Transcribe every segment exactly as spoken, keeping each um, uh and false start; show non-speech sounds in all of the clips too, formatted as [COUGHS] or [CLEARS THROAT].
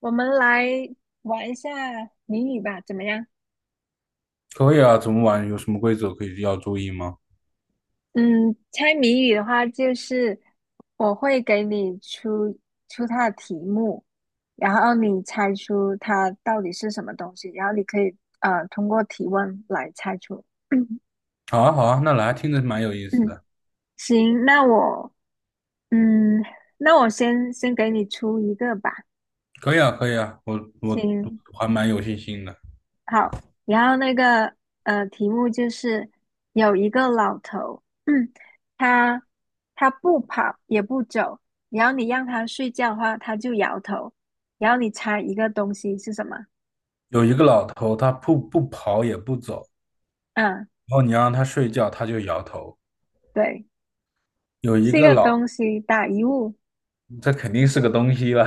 我们来玩一下谜语吧，怎么样？可以啊，怎么玩？有什么规则可以要注意吗？嗯，猜谜语的话，就是我会给你出出它的题目，然后你猜出它到底是什么东西，然后你可以呃通过提问来猜出。[CLEARS THROAT] 好啊，好啊，那来，听着蛮有意思嗯，的。行，那我嗯，那我先先给你出一个吧。可以啊，可以啊，我我行，我还蛮有信心的。好，然后那个呃，题目就是有一个老头，嗯，他他不跑也不走，然后你让他睡觉的话，他就摇头，然后你猜一个东西是什么？有一个老头，他不不跑也不走，嗯，然后你让他睡觉，他就摇头。对，有一是一个个老，东西，打一物。这肯定是个东西了。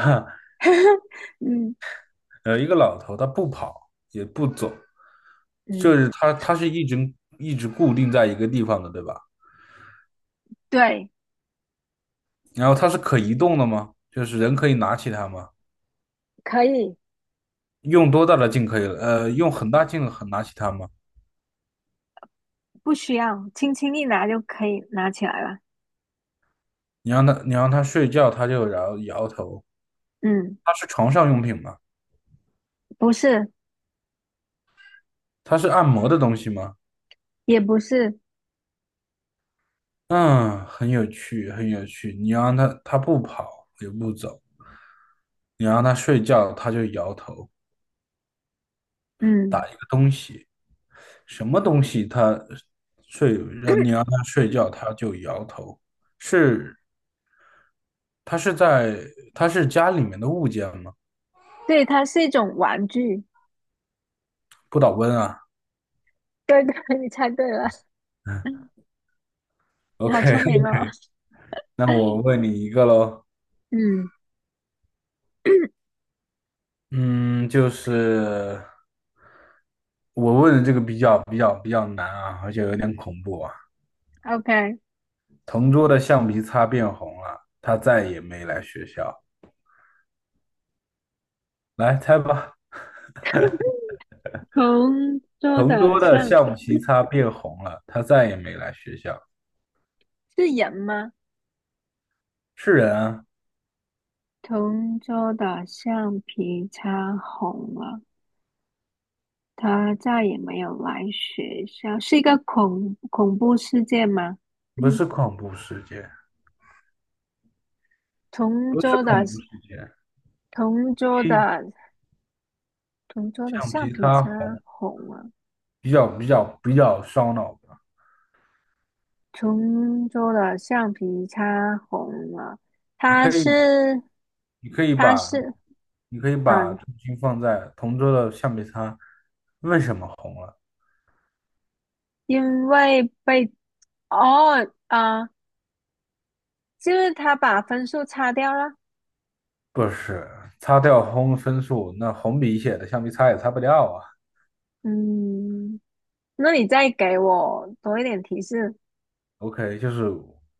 [LAUGHS] 嗯 [LAUGHS] 有一个老头，他不跑也不走，就嗯，是他他是一直一直固定在一个地方的，对吧？对，然后他是可移动的吗？就是人可以拿起它吗？可以，用多大的劲可以？呃，用很大劲很拿起它吗？不需要，轻轻一拿就可以拿起来了。你让他你让他睡觉，他就摇摇头。嗯，它是床上用品吗？不是，它是按摩的东西吗？也不是，嗯，很有趣，很有趣。你让他他不跑也不走，你让他睡觉，他就摇头。打嗯，一个什么东西它？他睡让你让 [COUGHS] 他睡觉，他就摇头。是他是在他是家里面的物件吗？对，它是一种玩具。不倒翁啊。对对，你猜对了。[LAUGHS] 嗯你好，OK,聪明哦。[LAUGHS] 那我问 [LAUGHS] 你一个喽。嗯 [CLEARS THROAT] 嗯，就是。我问的这个比较比较比较难啊，而且有点恐怖啊。，OK，同桌的橡皮擦变红了，他再也没来学校。来猜吧，同桌同的桌的橡橡皮擦变红了，他再也没来学校。是人吗？是人啊，同桌的橡皮擦红了，他再也没有来学校，是一个恐恐怖事件吗？[COUGHS] [CLEARS THROAT] 不是恐怖事件，同不是桌的恐怖事件。同桌一的同桌的橡橡皮皮擦擦红，红了，比较比较比较烧脑的。同桌的橡皮擦红了，你他可以，是你可以他把，是你可以把嗯。重心放在同桌的橡皮擦为什么红了。因为被哦，啊、就是他把分数擦掉了。不是，擦掉红分数，那红笔写的橡皮擦也擦不掉啊。嗯，那你再给我多一点提示。OK,就是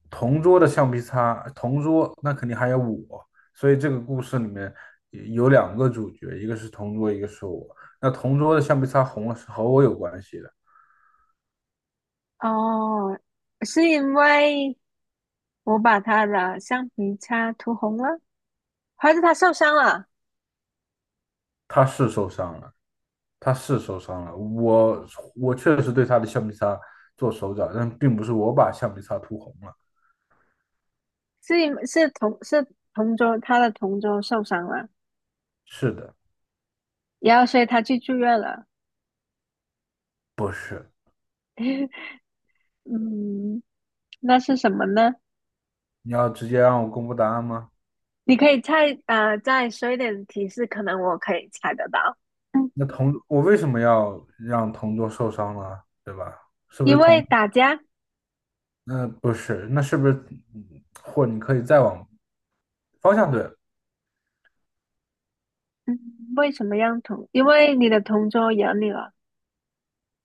同桌的橡皮擦，同桌那肯定还有我，所以这个故事里面有两个主角，一个是同桌，一个是我。那同桌的橡皮擦红了是和我有关系的，哦，是因为我把他的橡皮擦涂红了，还是他受伤了？他是受伤了，他是受伤了，我我确实对他的橡皮擦做手脚，但并不是我把橡皮擦涂红了。是因是同是同桌，他的同桌受伤了，是的，然后所以他去住院了。不是。[LAUGHS] 嗯，那是什么呢？你要直接让我公布答案吗？你可以再啊再说一点提示，可能我可以猜得到。嗯，那同，我为什么要让同桌受伤呢？对吧？因为打架。那不是，那是不是，嗯或你可以再往方向对，嗯，为什么让同？因为你的同桌养你了，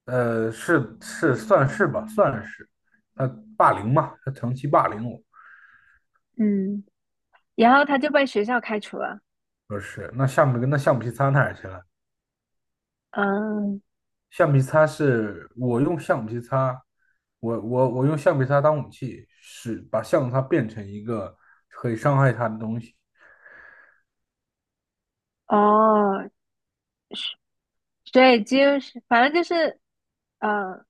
呃，是是算是吧，算是。那霸凌嘛，他长期霸凌我，嗯，然后他就被学校开除了，不是。那橡皮跟那橡皮擦哪儿去了？嗯，橡皮擦是我用橡皮擦，我我我用橡皮擦当武器，是把橡皮擦变成一个可以伤害他的东西，哦，所以就是反正就是，嗯，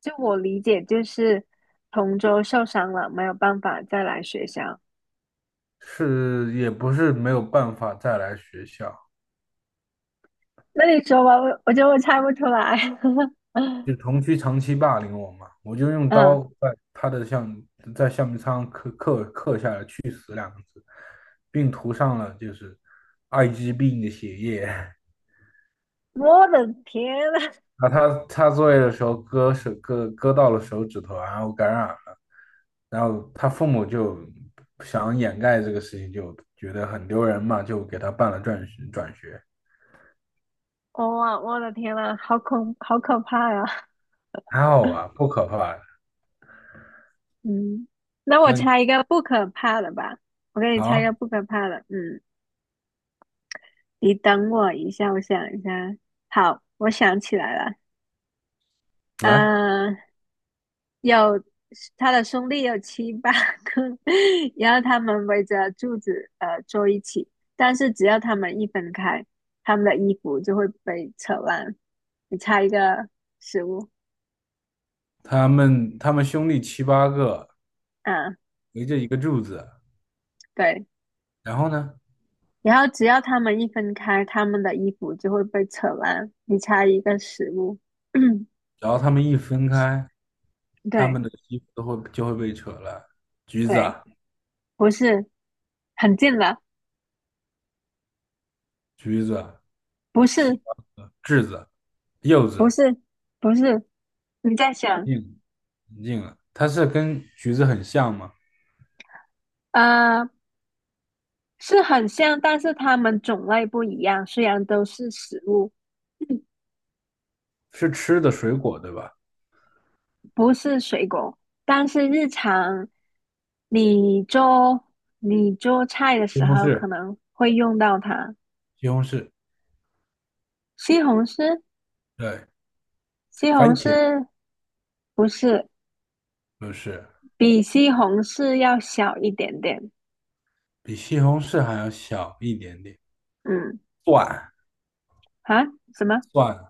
就我理解就是同桌受伤了，没有办法再来学校。是也不是没有办法再来学校。那你说吧，我我觉得我猜不出来。[LAUGHS] 就同居长期霸凌我嘛，我就用嗯，刀在他的橡在橡皮擦上刻刻刻下了去，并涂上了就是艾滋病的血液。[LAUGHS] 我的天呐，啊，他擦作业的时候割手割割到了手指头，然后感染了，然后他父母就想掩盖这个事情，就觉得很丢人嘛，就给他办了转学转学，[LAUGHS] 哇，我的天呐，好恐，好可怕呀！还好吧，不可怕的 [LAUGHS] 嗯，那我那你猜一个不可怕的吧，我给你猜一个好，不可怕的，嗯。你等我一下，我想一下。好，我想起来了，来，嗯、有他的兄弟有七八个，[LAUGHS] 然后他们围着柱子呃坐一起，但是只要他们一分开，他们的衣服就会被扯烂。你猜一个食物，他们他们兄弟七八个嗯，围着一个柱子，对，然后呢？然后只要他们一分开，他们的衣服就会被扯烂。你猜一个食物，[COUGHS] [CLEARS THROAT] 只要他们一分开，他对们的衣服都会就会被扯烂。橘子对，啊不是，很近了，橘子啊，不柿是，柿子，柚不子，是，不是。你在想，硬了硬了。它是跟橘子很像吗？呃，是很像，但是它们种类不一样。虽然都是食物，是吃的水果对吧？不是水果，但是日常你做你做菜的西时红候可柿，能会用到它。西红柿，西红柿，对，西番红茄柿，不是，不是，比西红柿要小一点点。比西红柿还要小一点点。嗯，蒜，啊，什么？蒜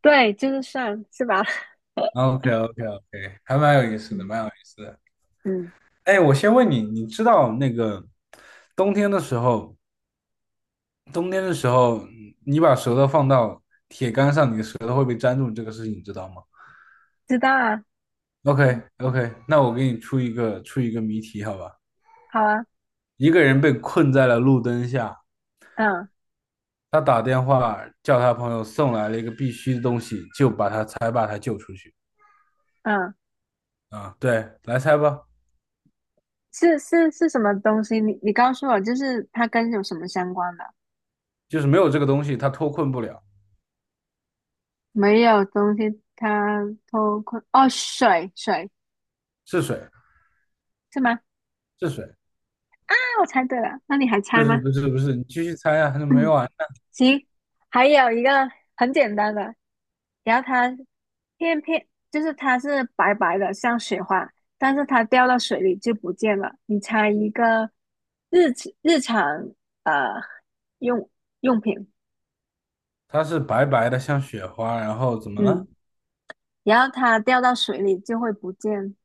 对，就是蒜，是吧？，OK OK OK,还蛮有意 [LAUGHS] 思的，嗯蛮有意思的。嗯，哎，我先问你，你知道那个冬天的时候？冬天的时候，嗯你把舌头放到杆上，你的舌头会被粘住，这个事情你知道吗知道啊，？OK OK,那我给你出一个出一个谜题，好吧？好啊，一个人被困在了路灯下，嗯他打电话叫他朋友送来了一个必须的东西，就把他才把他救出去。嗯。啊，对，来猜吧，是是是什么东西？你你告诉我，就是它跟有什么相关的？就是没有这个东西，他脱困不了，没有东西，它偷窥哦，水水是水，是吗？啊，是水，我猜对了，那你还不猜是吗？不是不是，你继续猜啊，还是没嗯，有啊，行，还有一个很简单的，然后它片片就是它是白白的，像雪花，但是它掉到水里就不见了。你猜一个日常日常呃用用品，它是白白的，像雪花，然后怎么嗯，了？然后它掉到水里就会不见。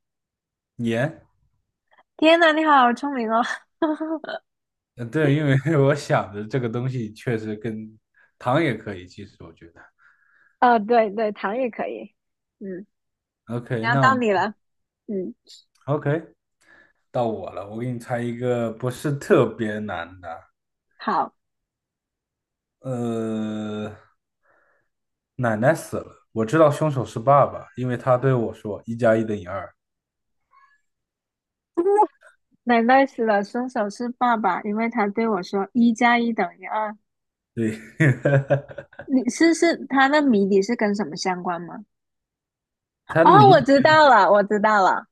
盐。天呐，你好聪明哦！[LAUGHS] 嗯，对，因为 [LAUGHS] 我想着这个东西确实跟糖也可以，其实我觉得。哦，对对，糖也可以。嗯，OK,然后那我到们 你了。嗯，OK 到我了，我给你猜一个不是特别难的。好。呃，奶奶死了，我知道凶手是爸爸，因为他对我说"一加一等于二"。[LAUGHS] 奶奶死了，凶手是爸爸，因为他对我说一加一等于二。对，[LAUGHS] 你是是他那谜底是跟什么相关吗？他的哦，谜我底知道了，我知道了，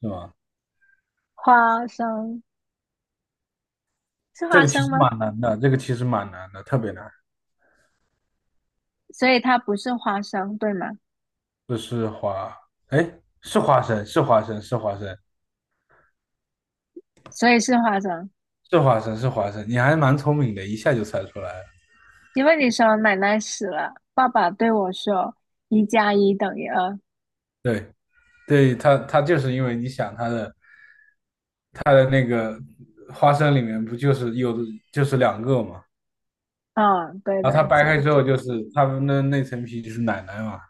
是吗？花生，是这花个其生实吗？蛮难的，这个其实蛮难的，特别难。所以它不是花生，对吗？这是花，哎，是花生，是花生，是花生。所以是花生，是花生，是花生，你还蛮聪明的，一下就猜出来了。因为你说奶奶死了，爸爸对我说一加一等于二。对，对，他他就是因为你想他的他的那个花生里面不就是有的就是两个嘛，嗯，对然对，后它掰开行，之后就是他们的那层皮就是奶奶嘛，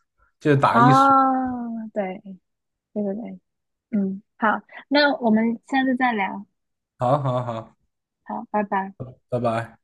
就是打一手。哦，对，对对对，嗯，好，那我们下次再聊，好好好，好，拜拜。拜拜。